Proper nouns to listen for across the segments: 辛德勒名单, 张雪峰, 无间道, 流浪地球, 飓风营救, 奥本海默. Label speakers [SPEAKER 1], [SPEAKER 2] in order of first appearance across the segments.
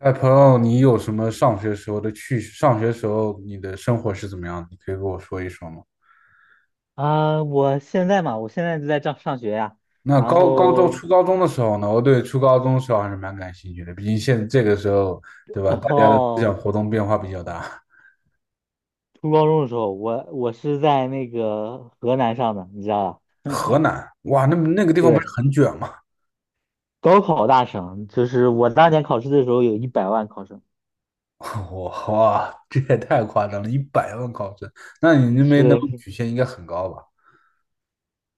[SPEAKER 1] 哎朋友，你有什么上学时候的趣事？上学时候你的生活是怎么样的？你可以跟我说一说吗？
[SPEAKER 2] 我现在嘛，我现在就在上学呀。
[SPEAKER 1] 那
[SPEAKER 2] 然
[SPEAKER 1] 高中、
[SPEAKER 2] 后，
[SPEAKER 1] 初高中的时候呢？我对初高中的时候还是蛮感兴趣的，毕竟现这个时候，对吧？
[SPEAKER 2] 然
[SPEAKER 1] 大家的思
[SPEAKER 2] 后
[SPEAKER 1] 想活动变化比较大。
[SPEAKER 2] 初高中的时候，我是在那个河南上的，你知道吧？
[SPEAKER 1] 河南，哇，那个地方不是
[SPEAKER 2] 对，
[SPEAKER 1] 很卷吗？
[SPEAKER 2] 高考大省，就是我当年考试的时候有100万考生。
[SPEAKER 1] 哇，哇，这也太夸张了，100万考生，那你那边的录
[SPEAKER 2] 是，
[SPEAKER 1] 取线应该很高吧？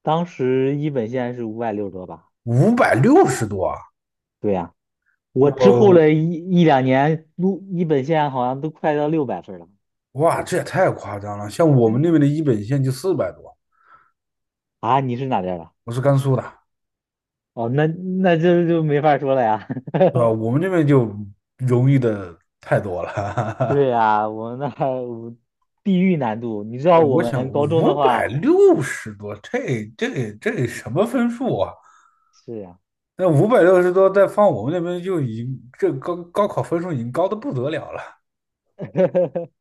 [SPEAKER 2] 当时一本线是560多吧？
[SPEAKER 1] 五百六十多啊！
[SPEAKER 2] 对呀，我之后
[SPEAKER 1] 我，
[SPEAKER 2] 的一两年，录一本线好像都快到600分了。
[SPEAKER 1] 哇，这也太夸张了。像我们那边的一本线就400多，
[SPEAKER 2] 啊！你是哪边儿的？
[SPEAKER 1] 我是甘肃的。
[SPEAKER 2] 哦，那那这就没法说了呀。
[SPEAKER 1] 对吧？我们这边就容易的太多 了。
[SPEAKER 2] 对 呀，我们那，我地域难度，你知道
[SPEAKER 1] 对，
[SPEAKER 2] 我
[SPEAKER 1] 我想
[SPEAKER 2] 们高中的
[SPEAKER 1] 五百
[SPEAKER 2] 话，
[SPEAKER 1] 六十多，这什么分数啊？
[SPEAKER 2] 是呀。
[SPEAKER 1] 那五百六十多，再放我们那边就已经这高考分数已经高的不得了了。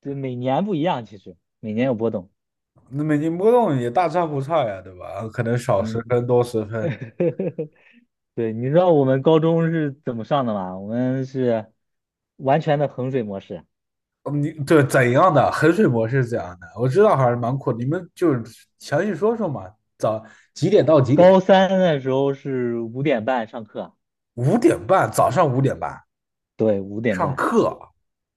[SPEAKER 2] 对，每年不一样，其实每年有波动。
[SPEAKER 1] 那每年波动也大差不差呀，对吧？可能少十
[SPEAKER 2] 嗯。
[SPEAKER 1] 分多十分，
[SPEAKER 2] 对，你知道我们高中是怎么上的吗？我们是完全的衡水模式。
[SPEAKER 1] 嗯，你对怎样的衡水模式是怎样的，我知道还是蛮苦的，你们就是详细说说嘛。早几点到几点？
[SPEAKER 2] 高三的时候是五点半上课。
[SPEAKER 1] 五点半，早上五点半
[SPEAKER 2] 对，五点
[SPEAKER 1] 上
[SPEAKER 2] 半
[SPEAKER 1] 课。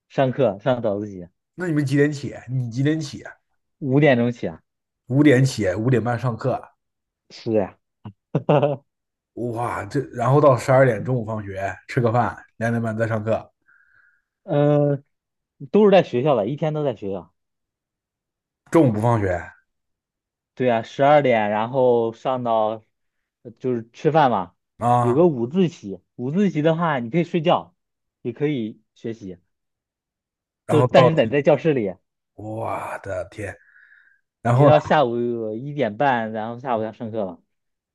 [SPEAKER 2] 上课，上早自习，
[SPEAKER 1] 那你们几点起？你几点起啊？
[SPEAKER 2] 5点钟起啊。
[SPEAKER 1] 五点起，五点半上课。
[SPEAKER 2] 是呀。
[SPEAKER 1] 哇，这然后到12点中午放学吃个饭，2点半再上课，
[SPEAKER 2] 嗯，都是在学校的，一天都在学校。
[SPEAKER 1] 中午不放学
[SPEAKER 2] 对啊，十二点，然后上到就是吃饭嘛，有
[SPEAKER 1] 啊。
[SPEAKER 2] 个午自习。午自习的话，你可以睡觉，也可以学习，
[SPEAKER 1] 然
[SPEAKER 2] 就
[SPEAKER 1] 后
[SPEAKER 2] 但
[SPEAKER 1] 到
[SPEAKER 2] 是得在教室里。
[SPEAKER 1] 我的天，然
[SPEAKER 2] 你
[SPEAKER 1] 后呢，
[SPEAKER 2] 到下午1:30，然后下午要上课了，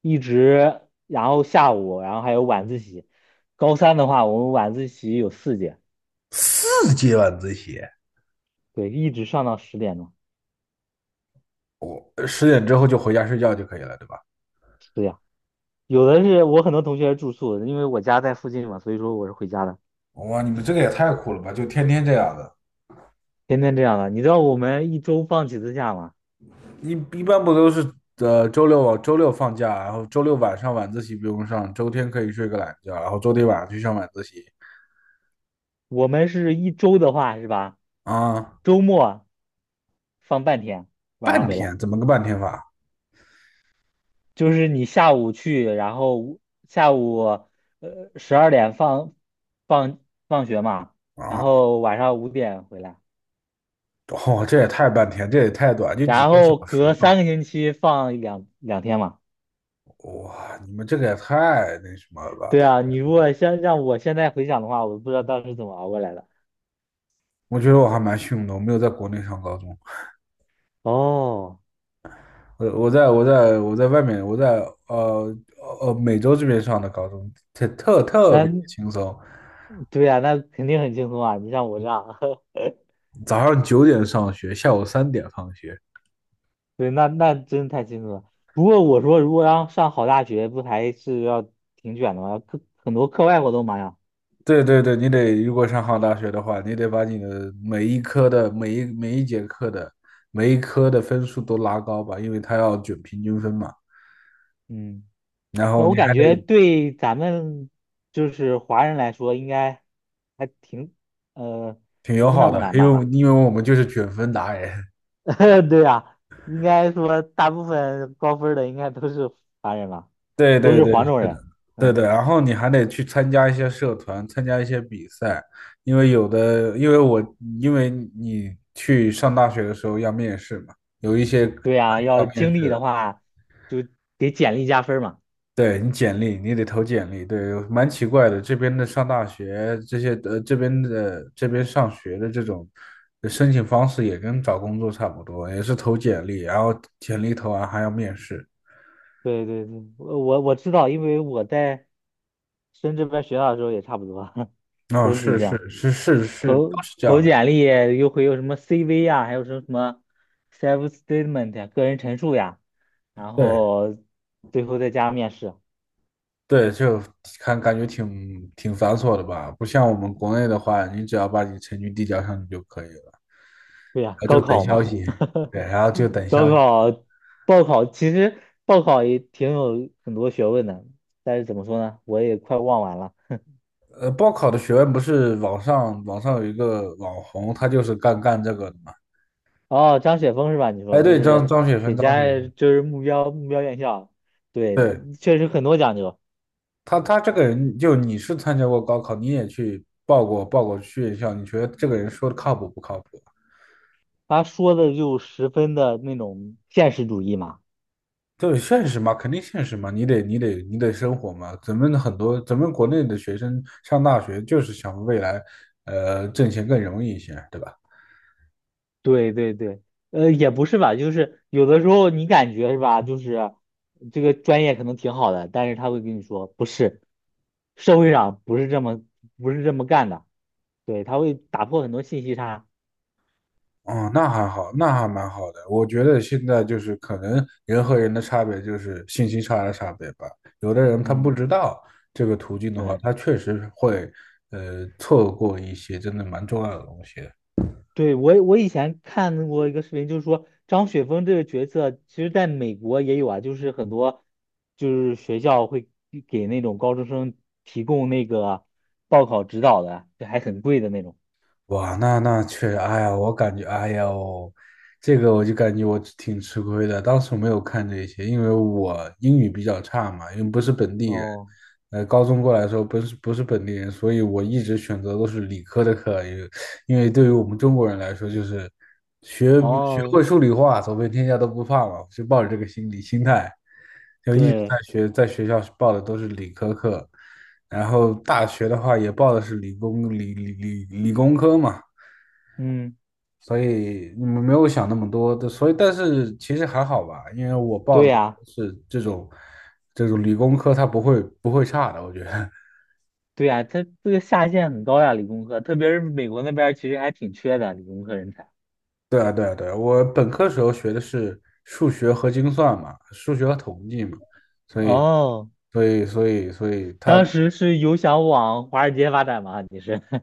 [SPEAKER 2] 一直然后下午，然后还有晚自习。高三的话，我们晚自习有4节。
[SPEAKER 1] 4节晚自习，
[SPEAKER 2] 对，一直上到10点钟。
[SPEAKER 1] 我10点之后就回家睡觉就可以了，对吧？
[SPEAKER 2] 对呀，有的是我很多同学是住宿，因为我家在附近嘛，所以说我是回家的。
[SPEAKER 1] 哇，你们这个也太苦了吧！就天天这样的。
[SPEAKER 2] 天天这样的。你知道我们一周放几次假吗？
[SPEAKER 1] 一一般不都是周六放假，然后周六晚上晚自习不用上，周天可以睡个懒觉，然后周天晚上去上晚自习
[SPEAKER 2] 我们是一周的话是吧？
[SPEAKER 1] 啊。
[SPEAKER 2] 周末放半天，晚上
[SPEAKER 1] 半
[SPEAKER 2] 回来，
[SPEAKER 1] 天怎么个半天法
[SPEAKER 2] 就是你下午去，然后下午十二点放放学嘛，然
[SPEAKER 1] 啊？
[SPEAKER 2] 后晚上五点回来，
[SPEAKER 1] 哦，这也太半天，这也太短，就几
[SPEAKER 2] 然
[SPEAKER 1] 个小
[SPEAKER 2] 后
[SPEAKER 1] 时
[SPEAKER 2] 隔三
[SPEAKER 1] 嘛。
[SPEAKER 2] 个星期放两天嘛。
[SPEAKER 1] 哇，你们这个也太那什么了吧？
[SPEAKER 2] 对
[SPEAKER 1] 太。
[SPEAKER 2] 啊，你如果现让我现在回想的话，我不知道当时怎么熬过来的。
[SPEAKER 1] 我觉得我还蛮幸运的，我没有在国内上高中。
[SPEAKER 2] 哦，
[SPEAKER 1] 我在外面，我在呃美洲这边上的高中，特别
[SPEAKER 2] 那
[SPEAKER 1] 轻松。
[SPEAKER 2] 对呀，那肯定很轻松啊！你像我这样。
[SPEAKER 1] 早上9点上学，下午3点放学。
[SPEAKER 2] 对，那那真太清楚了。不过我说，如果要上好大学，不还是要挺卷的吗？课很多课外活动嘛呀。
[SPEAKER 1] 对对对，你得，如果上好大学的话，你得把你的每一科的每一节课的每一科的分数都拉高吧，因为他要卷平均分嘛。
[SPEAKER 2] 嗯，
[SPEAKER 1] 然
[SPEAKER 2] 那
[SPEAKER 1] 后你
[SPEAKER 2] 我
[SPEAKER 1] 还
[SPEAKER 2] 感觉
[SPEAKER 1] 得
[SPEAKER 2] 对咱们就是华人来说，应该还挺呃，
[SPEAKER 1] 挺
[SPEAKER 2] 不
[SPEAKER 1] 友
[SPEAKER 2] 是那
[SPEAKER 1] 好
[SPEAKER 2] 么
[SPEAKER 1] 的，
[SPEAKER 2] 难
[SPEAKER 1] 因
[SPEAKER 2] 吧？
[SPEAKER 1] 为因为我们就是卷分达人。
[SPEAKER 2] 对呀，应该说大部分高分儿的应该都是华人吧，
[SPEAKER 1] 对
[SPEAKER 2] 都
[SPEAKER 1] 对
[SPEAKER 2] 是
[SPEAKER 1] 对，
[SPEAKER 2] 黄种
[SPEAKER 1] 是的，
[SPEAKER 2] 人。
[SPEAKER 1] 对
[SPEAKER 2] 嗯，
[SPEAKER 1] 对。然后你还得去参加一些社团，参加一些比赛。因为有的，因为你去上大学的时候要面试嘛，有一些
[SPEAKER 2] 对呀，要
[SPEAKER 1] 要面
[SPEAKER 2] 经
[SPEAKER 1] 试
[SPEAKER 2] 历的
[SPEAKER 1] 的。
[SPEAKER 2] 话，就给简历加分儿嘛。
[SPEAKER 1] 对，你简历，你得投简历，对，蛮奇怪的。这边的上大学，这些这边上学的这种申请方式也跟找工作差不多，也是投简历，然后简历投完还要面试。
[SPEAKER 2] 对对对，我知道，因为我在深圳这边学校的时候也差不多。
[SPEAKER 1] 哦，
[SPEAKER 2] 都是
[SPEAKER 1] 是
[SPEAKER 2] 这
[SPEAKER 1] 是
[SPEAKER 2] 样，
[SPEAKER 1] 是是是，都
[SPEAKER 2] 投
[SPEAKER 1] 是这
[SPEAKER 2] 投
[SPEAKER 1] 样的。
[SPEAKER 2] 简历又会有什么 CV 呀，还有什么什么 self statement 呀，个人陈述呀，然
[SPEAKER 1] 对
[SPEAKER 2] 后最后再加面试。
[SPEAKER 1] 对。就看感觉挺繁琐的吧，不像我们国内的话，你只要把你成绩递交上去就可以了，然
[SPEAKER 2] 对呀，
[SPEAKER 1] 后就
[SPEAKER 2] 高
[SPEAKER 1] 等
[SPEAKER 2] 考
[SPEAKER 1] 消
[SPEAKER 2] 嘛，
[SPEAKER 1] 息。对，然后就等
[SPEAKER 2] 高
[SPEAKER 1] 消息。
[SPEAKER 2] 考报考其实报考也挺有很多学问的，但是怎么说呢，我也快忘完了。
[SPEAKER 1] 报考的学问，不是网上有一个网红，他就是干这个的嘛。
[SPEAKER 2] 哦，张雪峰是吧？你说
[SPEAKER 1] 哎，
[SPEAKER 2] 就
[SPEAKER 1] 对，张
[SPEAKER 2] 是
[SPEAKER 1] 张雪芬，
[SPEAKER 2] 给
[SPEAKER 1] 张雪
[SPEAKER 2] 家
[SPEAKER 1] 芬。
[SPEAKER 2] 人就是目标院校，对，
[SPEAKER 1] 对，
[SPEAKER 2] 确实很多讲究。
[SPEAKER 1] 他这个人，就你是参加过高考，你也去报过去院校，你觉得这个人说的靠谱不靠谱？
[SPEAKER 2] 他说的就十分的那种现实主义嘛。
[SPEAKER 1] 对，现实嘛，肯定现实嘛，你得生活嘛。咱们国内的学生上大学就是想未来，挣钱更容易一些，对吧？
[SPEAKER 2] 对对对，也不是吧，就是有的时候你感觉是吧，就是这个专业可能挺好的，但是他会跟你说不是，社会上不是这么干的，对，他会打破很多信息差。
[SPEAKER 1] 哦，那还好，那还蛮好的。我觉得现在就是可能人和人的差别就是信息差的差别吧。有的人他不
[SPEAKER 2] 嗯，
[SPEAKER 1] 知道这个途径的话，
[SPEAKER 2] 对。
[SPEAKER 1] 他确实会错过一些真的蛮重要的东西的。
[SPEAKER 2] 对，我以前看过一个视频，就是说张雪峰这个角色，其实在美国也有啊，就是很多就是学校会给那种高中生提供那个报考指导的，就还很贵的那种。
[SPEAKER 1] 哇，那确实。哎呀，我感觉，哎呀哦，这个我就感觉我挺吃亏的。当时没有看这些，因为我英语比较差嘛，因为不是本地人。
[SPEAKER 2] 哦
[SPEAKER 1] 高中过来的时候不是本地人，所以我一直选择都是理科的课。因为对于我们中国人来说，就是学学会
[SPEAKER 2] 哦，
[SPEAKER 1] 数理化，走遍天下都不怕嘛，就抱着这个心理心态，就一直在
[SPEAKER 2] 对，
[SPEAKER 1] 学，在学校报的都是理科课。然后大学的话也报的是理工理理理理工科嘛，
[SPEAKER 2] 嗯，
[SPEAKER 1] 所以你们没有想那么多的，所以但是其实还好吧，因为我报
[SPEAKER 2] 对
[SPEAKER 1] 的
[SPEAKER 2] 呀，
[SPEAKER 1] 是这种理工科，它不会差的，我觉得。
[SPEAKER 2] 对呀，他这个下限很高呀，理工科，特别是美国那边儿其实还挺缺的理工科人才。
[SPEAKER 1] 对啊，对啊，对啊，我本科时候学的是数学和精算嘛，数学和统计嘛，所以
[SPEAKER 2] 哦，
[SPEAKER 1] 所以它。
[SPEAKER 2] 当时是有想往华尔街发展吗？你是？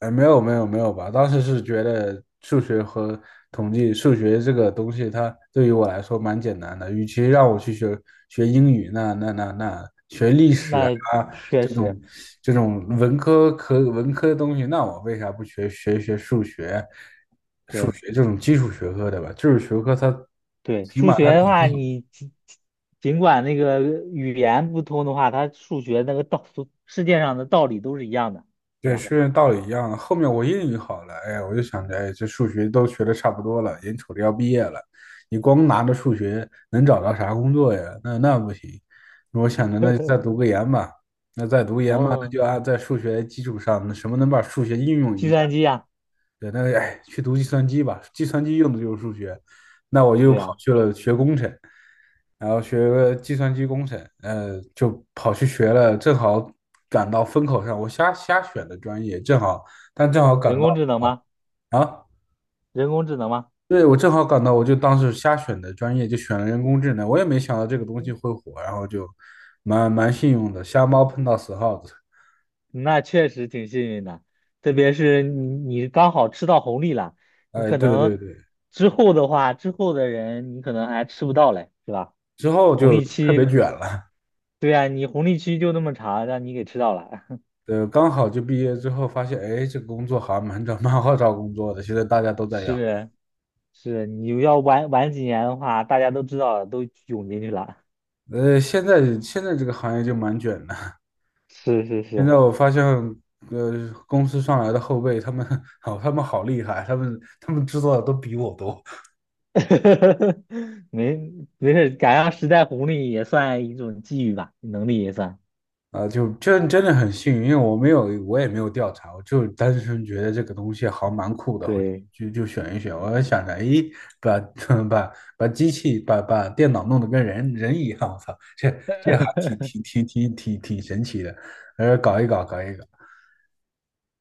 [SPEAKER 1] 哎，没有没有没有吧，当时是觉得数学和统计，数学这个东西它对于我来说蛮简单的，与其让我去学英语，那
[SPEAKER 2] 那确
[SPEAKER 1] 这
[SPEAKER 2] 实。
[SPEAKER 1] 种这种文科的东西，那我为啥不学数学，
[SPEAKER 2] 对。
[SPEAKER 1] 学这种基础学科的吧？基础学科它
[SPEAKER 2] 对，
[SPEAKER 1] 起
[SPEAKER 2] 数
[SPEAKER 1] 码它
[SPEAKER 2] 学的
[SPEAKER 1] 底
[SPEAKER 2] 话，你尽管那个语言不通的话，它数学那个道，世界上的道理都是一样的，对
[SPEAKER 1] 对，
[SPEAKER 2] 吧？
[SPEAKER 1] 是道理一样的。后面我英语好了，哎，呀，我就想着，哎，这数学都学的差不多了，眼瞅着要毕业了，你光拿着数学能找到啥工作呀？那不行。我想着，那再读研吧。那
[SPEAKER 2] 哦，
[SPEAKER 1] 就按在数学基础上，那什么能把数学应用
[SPEAKER 2] 计
[SPEAKER 1] 一下？
[SPEAKER 2] 算机呀，
[SPEAKER 1] 对，那哎，去读计算机吧，计算机用的就是数学，那我就
[SPEAKER 2] 对
[SPEAKER 1] 跑
[SPEAKER 2] 呀，
[SPEAKER 1] 去了学工程，然后学个计算机工程。就跑去学了，正好赶到风口上，我瞎选的专业。正好，但正好
[SPEAKER 2] 人
[SPEAKER 1] 赶
[SPEAKER 2] 工
[SPEAKER 1] 到
[SPEAKER 2] 智能吗？
[SPEAKER 1] 啊。
[SPEAKER 2] 人工智能吗？
[SPEAKER 1] 对，我正好赶到，我就当时瞎选的专业，就选了人工智能。我也没想到这个东西会火，然后就蛮幸运的，瞎猫碰到死耗子。
[SPEAKER 2] 那确实挺幸运的，特别是你刚好吃到红利了，你
[SPEAKER 1] 哎，
[SPEAKER 2] 可
[SPEAKER 1] 对对
[SPEAKER 2] 能
[SPEAKER 1] 对，
[SPEAKER 2] 之后的话，之后的人你可能还吃不到嘞，是吧？
[SPEAKER 1] 之后
[SPEAKER 2] 红
[SPEAKER 1] 就
[SPEAKER 2] 利
[SPEAKER 1] 特
[SPEAKER 2] 期，
[SPEAKER 1] 别卷了。
[SPEAKER 2] 对呀，你红利期就那么长，让你给吃到了。
[SPEAKER 1] 对，刚好就毕业之后发现，哎，这个工作好像蛮好找工作的，现在大家都 在要。
[SPEAKER 2] 是。是你要晚几年的话，大家都知道了都涌进去了。
[SPEAKER 1] 现在这个行业就蛮卷的。
[SPEAKER 2] 是是
[SPEAKER 1] 现
[SPEAKER 2] 是。
[SPEAKER 1] 在我发现，公司上来的后辈，他们 好，他们好厉害，他们知道的都比我多。
[SPEAKER 2] 没没事，赶上时代红利也算一种机遇吧，能力也算。
[SPEAKER 1] 啊，就真真的很幸运，因为我没有，我也没有调查，我就单纯觉得这个东西好蛮酷的，我
[SPEAKER 2] 对
[SPEAKER 1] 就就选一选。我还想着，咦，把 把机器把电脑弄得跟人一样，我操，这还挺神奇的。搞一搞，搞一搞。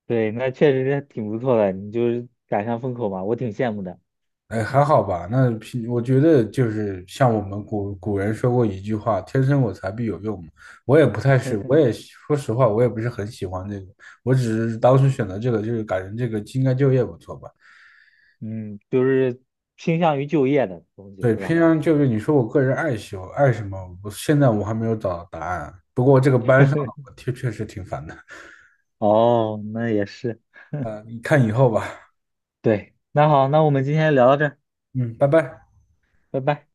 [SPEAKER 2] 对，那确实是挺不错的，你就是赶上风口嘛，我挺羡慕的。
[SPEAKER 1] 哎，还 好吧。我觉得就是像我们古人说过一句话"天生我材必有用"嘛。我也不太是，我也说实话，我也不是很喜欢这个。我只是当时选择这个，就是感觉这个应该就业不错吧。
[SPEAKER 2] 嗯，就是倾向于就业的东西
[SPEAKER 1] 对，
[SPEAKER 2] 是
[SPEAKER 1] 偏
[SPEAKER 2] 吧？
[SPEAKER 1] 向就业，你说我个人爱喜欢爱什么？我现在我还没有找到答案啊。不过这个班上的我确确实挺烦的。
[SPEAKER 2] 哦，那也是。
[SPEAKER 1] 你看以后吧。
[SPEAKER 2] 对，那好，那我们今天聊到这儿，
[SPEAKER 1] 嗯，拜拜。
[SPEAKER 2] 拜拜。